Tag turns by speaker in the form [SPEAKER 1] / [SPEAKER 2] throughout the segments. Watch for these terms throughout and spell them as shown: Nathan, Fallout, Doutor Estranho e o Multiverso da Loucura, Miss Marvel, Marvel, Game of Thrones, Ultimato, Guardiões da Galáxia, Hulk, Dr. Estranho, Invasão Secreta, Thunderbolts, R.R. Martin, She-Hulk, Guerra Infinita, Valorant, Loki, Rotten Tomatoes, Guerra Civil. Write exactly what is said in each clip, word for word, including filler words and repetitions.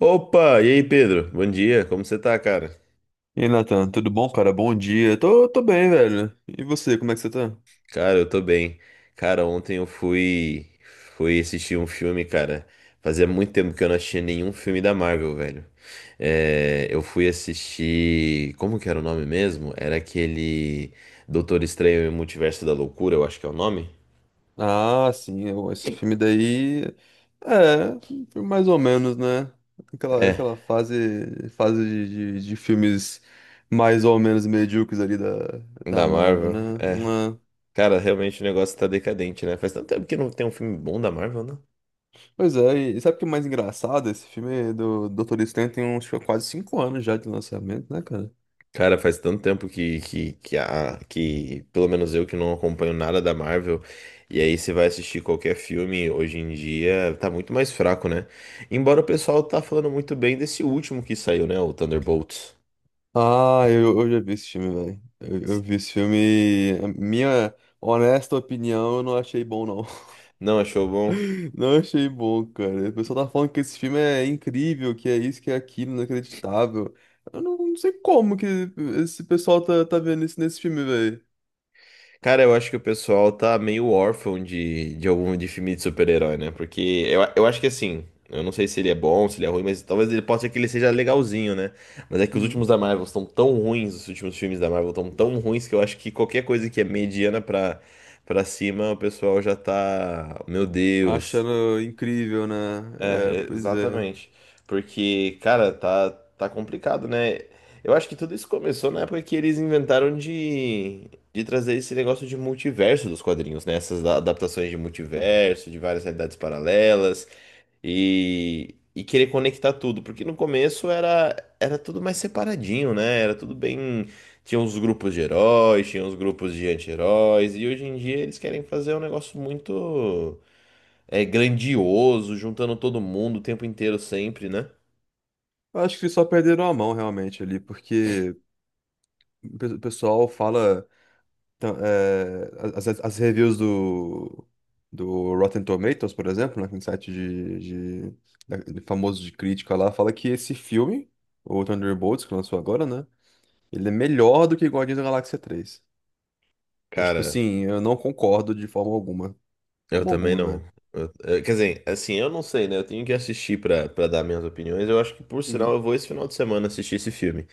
[SPEAKER 1] Opa, e aí Pedro? Bom dia, como você tá, cara?
[SPEAKER 2] E aí, Nathan, tudo bom, cara? Bom dia. Tô, tô bem, velho. E você, como é que você tá?
[SPEAKER 1] Cara, eu tô bem. Cara, ontem eu fui fui assistir um filme, cara. Fazia muito tempo que eu não assistia nenhum filme da Marvel, velho. É, eu fui assistir, como que era o nome mesmo? Era aquele Doutor Estranho e o Multiverso da Loucura, eu acho que é o nome.
[SPEAKER 2] Ah, sim, eu- esse filme daí. É, foi mais ou menos, né? Aquela, aquela
[SPEAKER 1] É,
[SPEAKER 2] fase, fase de, de, de filmes mais ou menos medíocres ali da, da
[SPEAKER 1] da
[SPEAKER 2] Marvel,
[SPEAKER 1] Marvel.
[SPEAKER 2] né?
[SPEAKER 1] É.
[SPEAKER 2] Uma-
[SPEAKER 1] Cara, realmente o negócio tá decadente, né? Faz tanto tempo que não tem um filme bom da Marvel, né?
[SPEAKER 2] Pois é, e sabe o que é mais engraçado? Esse filme do doutor Estranho tem uns acho que, é quase cinco anos já de lançamento, né, cara?
[SPEAKER 1] Cara, faz tanto tempo que, que, que, a, que, pelo menos eu que não acompanho nada da Marvel, e aí você vai assistir qualquer filme hoje em dia, tá muito mais fraco, né? Embora o pessoal tá falando muito bem desse último que saiu, né? O Thunderbolts.
[SPEAKER 2] Ah, eu, eu já vi esse filme, velho. Eu, eu vi esse filme, e a minha honesta opinião, eu não achei bom, não.
[SPEAKER 1] Não achou bom?
[SPEAKER 2] Não achei bom, cara. O pessoal tá falando que esse filme é incrível, que é isso, que é aquilo, inacreditável. Eu não, não sei como que esse pessoal tá, tá vendo isso nesse filme, velho.
[SPEAKER 1] Cara, eu acho que o pessoal tá meio órfão de, de algum de filme de super-herói, né? Porque eu, eu acho que assim, eu não sei se ele é bom, se ele é ruim, mas talvez ele possa ser que ele seja legalzinho, né? Mas é que os últimos
[SPEAKER 2] Uhum.
[SPEAKER 1] da Marvel estão tão ruins, os últimos filmes da Marvel estão tão ruins que eu acho que qualquer coisa que é mediana pra, pra cima, o pessoal já tá. Meu Deus.
[SPEAKER 2] Achando incrível, né? É,
[SPEAKER 1] É,
[SPEAKER 2] pois é.
[SPEAKER 1] exatamente. Porque, cara, tá, tá complicado, né? Eu acho que tudo isso começou na época que eles inventaram de, de trazer esse negócio de multiverso dos quadrinhos, né? Essas a- adaptações de multiverso, de várias realidades paralelas e, e querer conectar tudo. Porque no começo era, era tudo mais separadinho, né? Era tudo bem. Tinha uns grupos de heróis, tinha uns grupos de anti-heróis, e hoje em dia eles querem fazer um negócio muito é grandioso, juntando todo mundo o tempo inteiro sempre, né?
[SPEAKER 2] Eu acho que só perderam a mão, realmente, ali, porque o pe- o pessoal fala. Então, é, as, as- as reviews do, do Rotten Tomatoes, por exemplo, né, que é um site de, de- da- de famoso de crítica lá, fala que esse filme, o Thunderbolts, que lançou agora, né? Ele é melhor do que Guardiões da Galáxia três. Então, tipo
[SPEAKER 1] Cara,
[SPEAKER 2] assim, eu não concordo de forma alguma.
[SPEAKER 1] eu
[SPEAKER 2] Forma
[SPEAKER 1] também
[SPEAKER 2] alguma,
[SPEAKER 1] não.
[SPEAKER 2] velho.
[SPEAKER 1] Eu- eu- quer dizer, assim, eu não sei, né? Eu tenho que assistir pra, pra dar minhas opiniões. Eu acho que, por sinal,
[SPEAKER 2] Uhum.
[SPEAKER 1] eu vou esse final de semana assistir esse filme.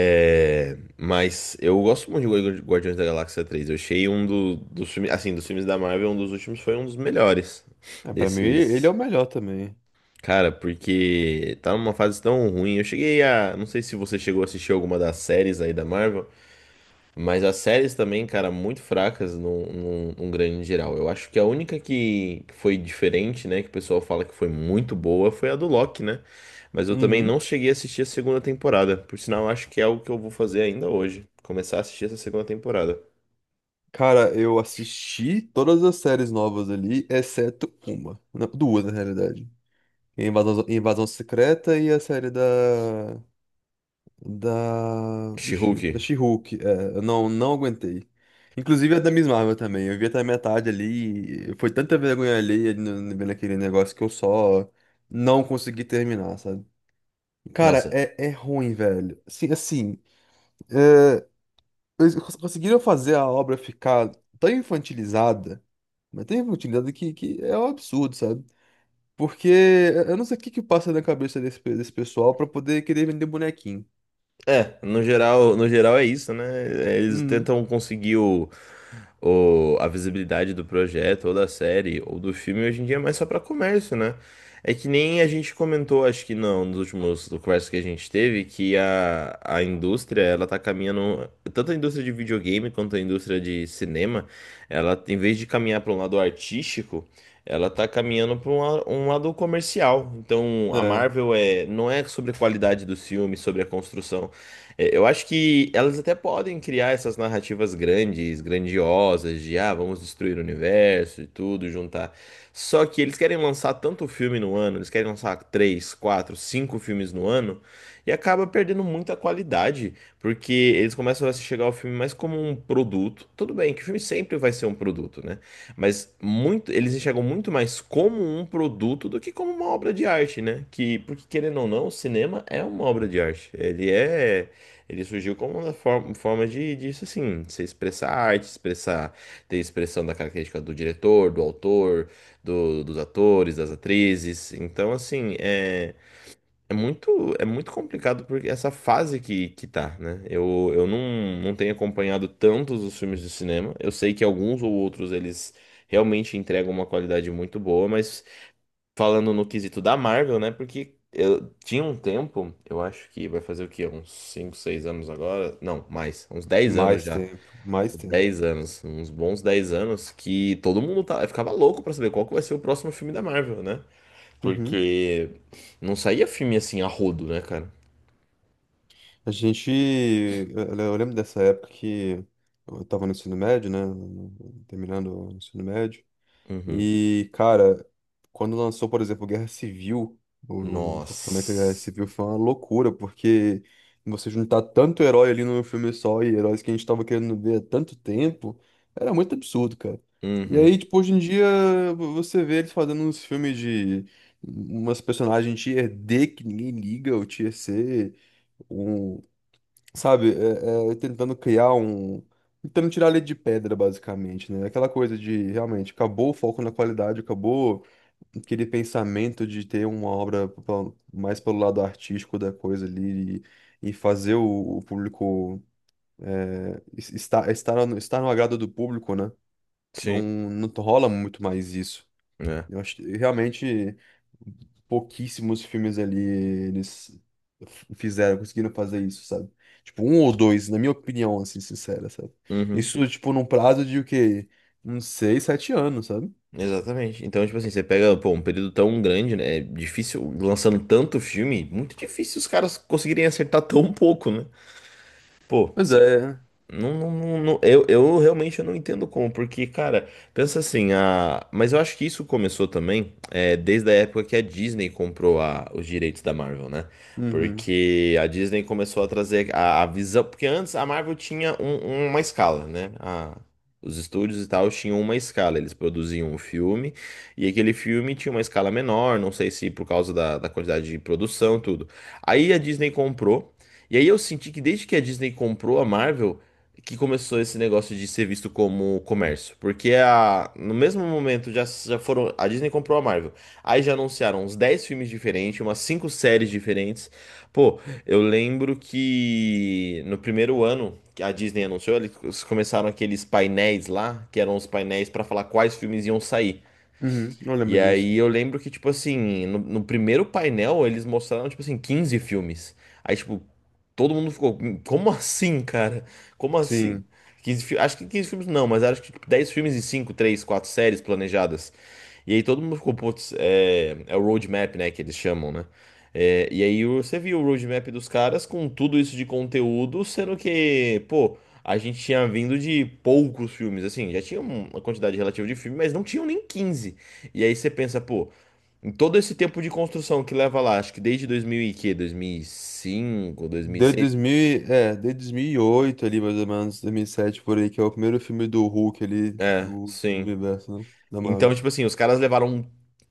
[SPEAKER 1] É, mas eu gosto muito de Guardi- Guardiões da Galáxia três. Eu achei um do- dos filmes, assim, dos filmes da Marvel, um dos últimos foi um dos melhores
[SPEAKER 2] É, pra mim, ele é
[SPEAKER 1] desses.
[SPEAKER 2] o melhor também.
[SPEAKER 1] Cara, porque tá numa fase tão ruim. Eu cheguei a. Não sei se você chegou a assistir alguma das séries aí da Marvel. Mas as séries também, cara, muito fracas num, num, num grande geral. Eu acho que a única que que foi diferente, né? Que o pessoal fala que foi muito boa, foi a do Loki, né? Mas eu também
[SPEAKER 2] Uhum.
[SPEAKER 1] não cheguei a assistir a segunda temporada. Por sinal, eu acho que é algo que eu vou fazer ainda hoje. Começar a assistir essa segunda temporada.
[SPEAKER 2] Cara, eu assisti todas as séries novas ali, exceto uma. Não, duas, na realidade. Invasão, Invasão Secreta e a série da. Da. Vixe,
[SPEAKER 1] She-Hulk.
[SPEAKER 2] da She-Hulk. É, eu não, não aguentei. Inclusive a da Miss Marvel também. Eu vi até a metade ali, e foi tanta vergonha alheia ali no- no- naquele negócio que eu só não consegui terminar, sabe? Cara,
[SPEAKER 1] Nossa.
[SPEAKER 2] é, é ruim, velho. Assim, assim é, eles cons- conseguiram fazer a obra ficar tão infantilizada, mas tão infantilizada que, que é um absurdo, sabe? Porque eu não sei o que que passa na cabeça desse, pe- desse pessoal pra poder querer vender bonequinho.
[SPEAKER 1] É, no geral, no geral é isso, né? É, eles
[SPEAKER 2] Uhum.
[SPEAKER 1] tentam conseguir o, ou a visibilidade do projeto, ou da série, ou do filme, hoje em dia é mais só para comércio, né? É que nem a gente comentou, acho que não, nos últimos conversas que a gente teve, que a, a indústria, ela tá caminhando, tanto a indústria de videogame quanto a indústria de cinema, ela, em vez de caminhar para um lado artístico, ela tá caminhando para um, la- um lado comercial. Então, a
[SPEAKER 2] É.
[SPEAKER 1] Marvel é, não é sobre a qualidade dos filmes, sobre a construção. É, eu acho que elas até podem criar essas narrativas grandes, grandiosas, de ah, vamos destruir o universo e tudo, juntar. Só que eles querem lançar tanto filme no ano, eles querem lançar três, quatro, cinco filmes no ano, e acaba perdendo muita qualidade, porque eles começam a se chegar ao filme mais como um produto. Tudo bem, que o filme sempre vai ser um produto, né? Mas muito, eles enxergam muito mais como um produto do que como uma obra de arte, né? Que, porque querendo ou não, o cinema é uma obra de arte. Ele é. Ele surgiu como uma for- forma de, disso, assim, se expressar arte, expressar, ter expressão da característica do diretor, do autor, do- dos atores, das atrizes. Então, assim, é, é muito, é muito complicado porque essa fase que, que tá, né? Eu, eu não, não tenho acompanhado tantos os filmes de cinema. Eu sei que alguns ou outros eles realmente entregam uma qualidade muito boa, mas falando no quesito da Marvel, né? Porque eu tinha um tempo, eu acho que vai fazer o quê? Uns cinco, seis anos agora? Não, mais, uns dez anos
[SPEAKER 2] Mais
[SPEAKER 1] já.
[SPEAKER 2] tempo, mais
[SPEAKER 1] Uns
[SPEAKER 2] tempo.
[SPEAKER 1] dez anos, uns bons dez anos que todo mundo tá, ficava louco pra saber qual que vai ser o próximo filme da Marvel, né?
[SPEAKER 2] Uhum.
[SPEAKER 1] Porque não saía filme assim a rodo, né, cara?
[SPEAKER 2] A gente. Eu, eu lembro dessa época que eu estava no ensino médio, né? Terminando o ensino médio.
[SPEAKER 1] Uhum.
[SPEAKER 2] E, cara, quando lançou, por exemplo, Guerra Civil, o, também que a Guerra
[SPEAKER 1] Nossa.
[SPEAKER 2] Civil foi uma loucura, porque você juntar tanto herói ali num filme só e heróis que a gente tava querendo ver há tanto tempo, era muito absurdo, cara. E aí,
[SPEAKER 1] Uhum.
[SPEAKER 2] tipo, hoje em dia, vo- você vê eles fazendo uns filmes de umas personagens tier D que ninguém liga, ou tier C, um sabe, é, é, tentando criar um. Tentando tirar leite de pedra, basicamente, né? Aquela coisa de realmente acabou o foco na qualidade, acabou aquele pensamento de ter uma obra pa- mais pelo lado artístico da coisa ali e, e fazer o, o público es- estar, estar, no- estar no agrado do público, né? Não,
[SPEAKER 1] Sim,
[SPEAKER 2] não rola muito mais isso.
[SPEAKER 1] né?
[SPEAKER 2] Eu acho que realmente pouquíssimos filmes ali eles f- fizeram, conseguiram fazer isso, sabe? Tipo, um ou dois, na minha opinião, assim, sincera, sabe?
[SPEAKER 1] Uhum.
[SPEAKER 2] Isso, tipo, num prazo de o quê? Uns seis, sete anos, sabe?
[SPEAKER 1] Exatamente. Então, tipo assim, você pega, pô, um período tão grande, né? É difícil, lançando tanto filme, muito difícil os caras conseguirem acertar tão pouco, né? Pô,
[SPEAKER 2] Pois
[SPEAKER 1] você
[SPEAKER 2] é.
[SPEAKER 1] não, não, não- não- eu, eu realmente não entendo como, porque, cara, pensa assim, a... mas eu acho que isso começou também é, desde a época que a Disney comprou a- os direitos da Marvel, né?
[SPEAKER 2] Uhum.
[SPEAKER 1] Porque a Disney começou a trazer a, a visão, porque antes a Marvel tinha um- uma escala, né? A- os estúdios e tal tinham uma escala, eles produziam um filme e aquele filme tinha uma escala menor, não sei se por causa da, da quantidade de produção, tudo. Aí a Disney comprou, e aí eu senti que desde que a Disney comprou a Marvel, que começou esse negócio de ser visto como comércio. Porque a, no mesmo momento já, já foram. A Disney comprou a Marvel. Aí já anunciaram uns dez filmes diferentes, umas cinco séries diferentes. Pô, eu lembro que no primeiro ano que a Disney anunciou, eles começaram aqueles painéis lá, que eram os painéis para falar quais filmes iam sair.
[SPEAKER 2] Uhum. Não lembro
[SPEAKER 1] E
[SPEAKER 2] disso.
[SPEAKER 1] aí eu lembro que, tipo assim, no, no primeiro painel eles mostraram, tipo assim, quinze filmes. Aí, tipo, todo mundo ficou, "Hum, como assim, cara? Como assim?
[SPEAKER 2] Sim.
[SPEAKER 1] quinze, fi- acho que quinze filmes não, mas acho que tipo, dez filmes e cinco três quatro séries planejadas. E aí todo mundo ficou, putz, é, é o roadmap, né, que eles chamam, né? É, e aí o- você viu o roadmap dos caras com tudo isso de conteúdo, sendo que, pô, a gente tinha vindo de poucos filmes, assim, já tinha uma quantidade relativa de filme, mas não tinham nem quinze. E aí você pensa, pô, em todo esse tempo de construção que leva lá, acho que desde dois mil e quê? dois mil e cinco,
[SPEAKER 2] Desde
[SPEAKER 1] dois mil e seis?
[SPEAKER 2] dois mil, e- é, desde dois mil e oito ali, mais ou menos, dois mil e sete por aí, que é o primeiro filme do Hulk ali,
[SPEAKER 1] É,
[SPEAKER 2] do, do
[SPEAKER 1] sim.
[SPEAKER 2] universo, né? Da
[SPEAKER 1] Então,
[SPEAKER 2] Marvel.
[SPEAKER 1] tipo assim, os caras levaram um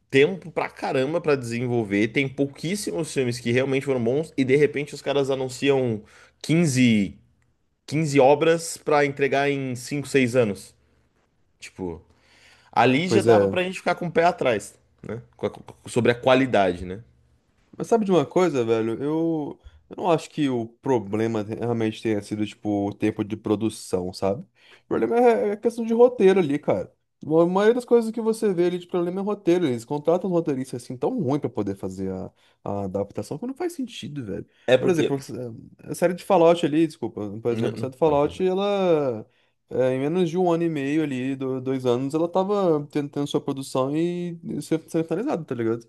[SPEAKER 1] tempo pra caramba pra desenvolver, tem pouquíssimos filmes que realmente foram bons e de repente os caras anunciam quinze quinze obras pra entregar em cinco seis anos. Tipo, ali já
[SPEAKER 2] Pois
[SPEAKER 1] dava
[SPEAKER 2] é.
[SPEAKER 1] pra gente ficar com o pé atrás, né? Com a- com- Sobre a qualidade, né?
[SPEAKER 2] Mas sabe de uma coisa, velho? Eu, eu não acho que o problema te- realmente tenha sido, tipo, o tempo de produção, sabe? O problema é é questão de roteiro ali, cara. A maioria das coisas que você vê ali de problema é roteiro. Eles contratam um roteirista assim tão ruim pra poder fazer a, a adaptação que não faz sentido, velho.
[SPEAKER 1] É
[SPEAKER 2] Por exemplo,
[SPEAKER 1] porque.
[SPEAKER 2] a série de Fallout ali, desculpa, por
[SPEAKER 1] Não,
[SPEAKER 2] exemplo, a série
[SPEAKER 1] não,
[SPEAKER 2] de
[SPEAKER 1] fala, fala,
[SPEAKER 2] Fallout,
[SPEAKER 1] fala.
[SPEAKER 2] ela. É, em menos de um ano e meio ali, do- dois anos, ela tava tentando sua produção e e ser ser finalizada, tá ligado?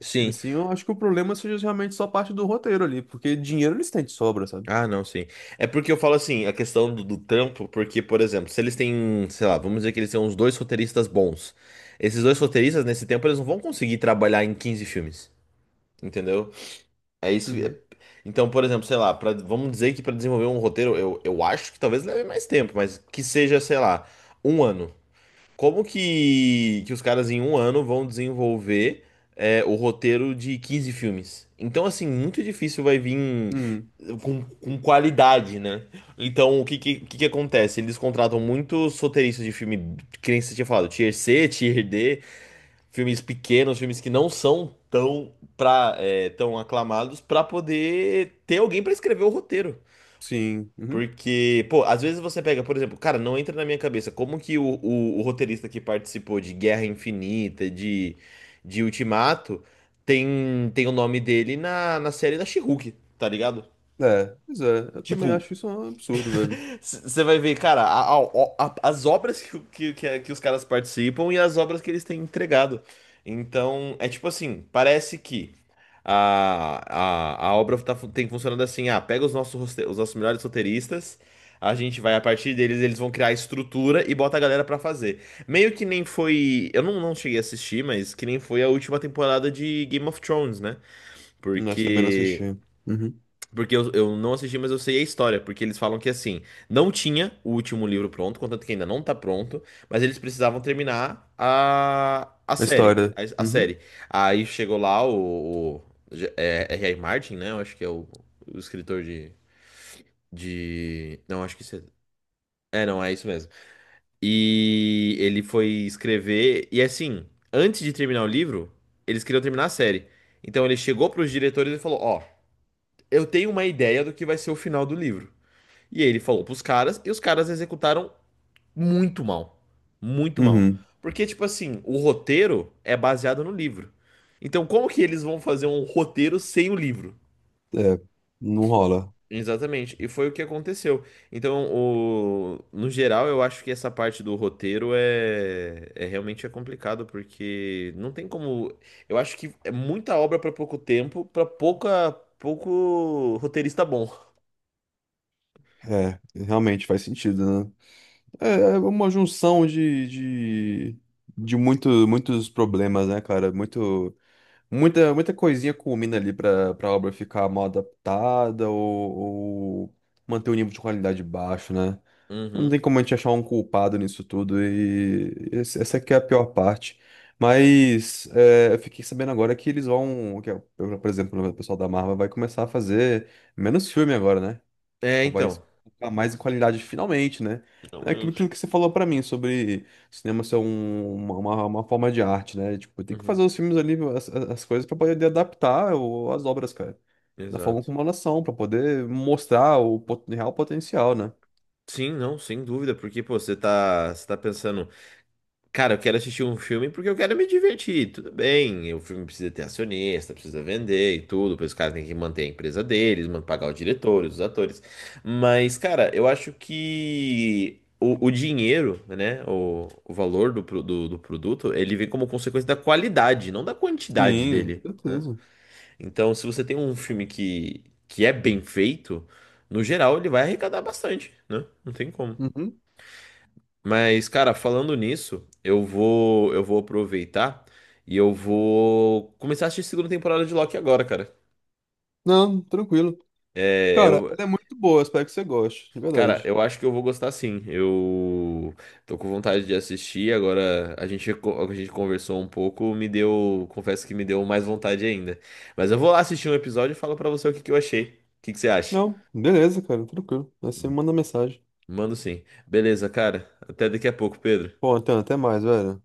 [SPEAKER 1] Sim,
[SPEAKER 2] Assim, eu acho que o problema seja realmente só parte do roteiro ali, porque dinheiro eles têm de sobra, sabe?
[SPEAKER 1] ah, não, sim. É porque eu falo assim, a questão do, do trampo, porque, por exemplo, se eles têm, sei lá, vamos dizer que eles têm uns dois roteiristas bons. Esses dois roteiristas, nesse tempo, eles não vão conseguir trabalhar em quinze filmes, entendeu? É isso. é-
[SPEAKER 2] Uhum.
[SPEAKER 1] Então, por exemplo, sei lá, pra, vamos dizer que para desenvolver um roteiro, eu, eu acho que talvez leve mais tempo, mas que seja, sei lá, um ano. Como que, que os caras em um ano vão desenvolver é, o roteiro de quinze filmes? Então, assim, muito difícil vai vir
[SPEAKER 2] Uhum.
[SPEAKER 1] com, com qualidade, né? Então, o que, que, que que acontece? Eles contratam muitos roteiristas de filme, que nem você tinha falado, Tier C, Tier D, filmes pequenos, filmes que não são tão, pra, é, tão aclamados, pra poder ter alguém pra escrever o roteiro.
[SPEAKER 2] Sim. Uhum.
[SPEAKER 1] Porque, pô, às vezes você pega, por exemplo, cara, não entra na minha cabeça como que o, o, o roteirista que participou de Guerra Infinita, de, de Ultimato, tem, tem o nome dele na, na série da She-Hulk, tá ligado?
[SPEAKER 2] É, pois é. Eu também
[SPEAKER 1] Tipo,
[SPEAKER 2] acho isso um absurdo, velho.
[SPEAKER 1] você vai ver, cara, a- a- a- as obras que, o- que, que, é- que os caras participam e as obras que eles têm entregado. Então, é tipo assim, parece que a, a, a obra tá, fun- tem funcionando assim, ah, pega os nossos, roste- os nossos melhores roteiristas, a gente vai, a partir deles, eles vão criar a estrutura e bota a galera pra fazer. Meio que nem foi, eu não, não cheguei a assistir, mas que nem foi a última temporada de Game of Thrones, né?
[SPEAKER 2] Mas também não
[SPEAKER 1] Porque...
[SPEAKER 2] assisti. Uhum.
[SPEAKER 1] Porque eu, eu não assisti, mas eu sei a história. Porque eles falam que assim, não tinha o último livro pronto, contanto que ainda não tá pronto, mas eles precisavam terminar a, a
[SPEAKER 2] A
[SPEAKER 1] série.
[SPEAKER 2] história.
[SPEAKER 1] A, a
[SPEAKER 2] Uhum.
[SPEAKER 1] série. Aí chegou lá o, o J- é, R R. Martin, né? Eu acho que é o, o escritor de, de. Não, acho que isso é. É, não, é isso mesmo. E ele foi escrever. E assim, antes de terminar o livro, eles queriam terminar a série. Então ele chegou pros diretores e falou: Ó, eu tenho uma ideia do que vai ser o final do livro. E ele falou pros caras, e os caras executaram muito mal. Muito mal.
[SPEAKER 2] Uhum.
[SPEAKER 1] Porque, tipo assim, o roteiro é baseado no livro. Então, como que eles vão fazer um roteiro sem o livro?
[SPEAKER 2] É, não rola.
[SPEAKER 1] Exatamente. E foi o que aconteceu. Então, o... no geral, eu acho que essa parte do roteiro é... é realmente é complicado, porque não tem como. Eu acho que é muita obra pra pouco tempo, pra pouca... pouco roteirista bom.
[SPEAKER 2] É, realmente faz sentido, né? É é uma junção de, de, de muito, muitos problemas, né, cara? Muito. Muita, muita coisinha culmina ali pra, pra obra ficar mal adaptada ou, ou manter o nível de qualidade baixo, né? Não
[SPEAKER 1] Uhum.
[SPEAKER 2] tem como a gente achar um culpado nisso tudo e esse- essa que é a pior parte. Mas é, eu fiquei sabendo agora que eles vão, que, é, por exemplo, o pessoal da Marvel vai começar a fazer menos filme agora, né?
[SPEAKER 1] É,
[SPEAKER 2] Tipo, vai se
[SPEAKER 1] então.
[SPEAKER 2] focar mais em qualidade finalmente, né? É aquilo aquilo
[SPEAKER 1] Realmente.
[SPEAKER 2] que você falou pra mim sobre cinema ser um- uma, uma, uma forma de arte, né? Tipo, tem que
[SPEAKER 1] Uhum.
[SPEAKER 2] fazer os filmes ali, as, as as coisas pra poder adaptar o- as obras, cara. Da forma
[SPEAKER 1] Exato.
[SPEAKER 2] como elas são, pra poder mostrar o pot- real potencial, né?
[SPEAKER 1] Sim, não, sem dúvida, porque, pô, você tá, você tá pensando, cara, eu quero assistir um filme porque eu quero me divertir, tudo bem, o filme precisa ter acionista, precisa vender e tudo, pois os caras têm que manter a empresa deles, man- pagar os diretores, os atores, mas, cara, eu acho que o, o dinheiro, né, o, o valor do, pro- do, do produto, ele vem como consequência da qualidade, não da quantidade
[SPEAKER 2] Sim,
[SPEAKER 1] dele, né?
[SPEAKER 2] certeza.
[SPEAKER 1] Então, se você tem um filme que, que é bem feito, no geral, ele vai arrecadar bastante, né? Não tem como.
[SPEAKER 2] Uhum.
[SPEAKER 1] Mas, cara, falando nisso, eu vou, eu vou aproveitar e eu vou começar a assistir a segunda temporada de Loki agora, cara.
[SPEAKER 2] Não, tranquilo.
[SPEAKER 1] É,
[SPEAKER 2] Cara,
[SPEAKER 1] eu,
[SPEAKER 2] ela é muito boa, espero que você goste, de
[SPEAKER 1] cara,
[SPEAKER 2] verdade.
[SPEAKER 1] eu acho que eu vou gostar sim. Eu tô com vontade de assistir. Agora a gente, co- a gente conversou um pouco, me deu, confesso que me deu mais vontade ainda. Mas eu vou lá assistir um episódio e falo pra você o que que eu achei. O que que você acha?
[SPEAKER 2] Não, beleza, cara, tranquilo. Aí você me manda mensagem.
[SPEAKER 1] Mando sim. Beleza, cara. Até daqui a pouco, Pedro.
[SPEAKER 2] Bom, então, até mais, velho.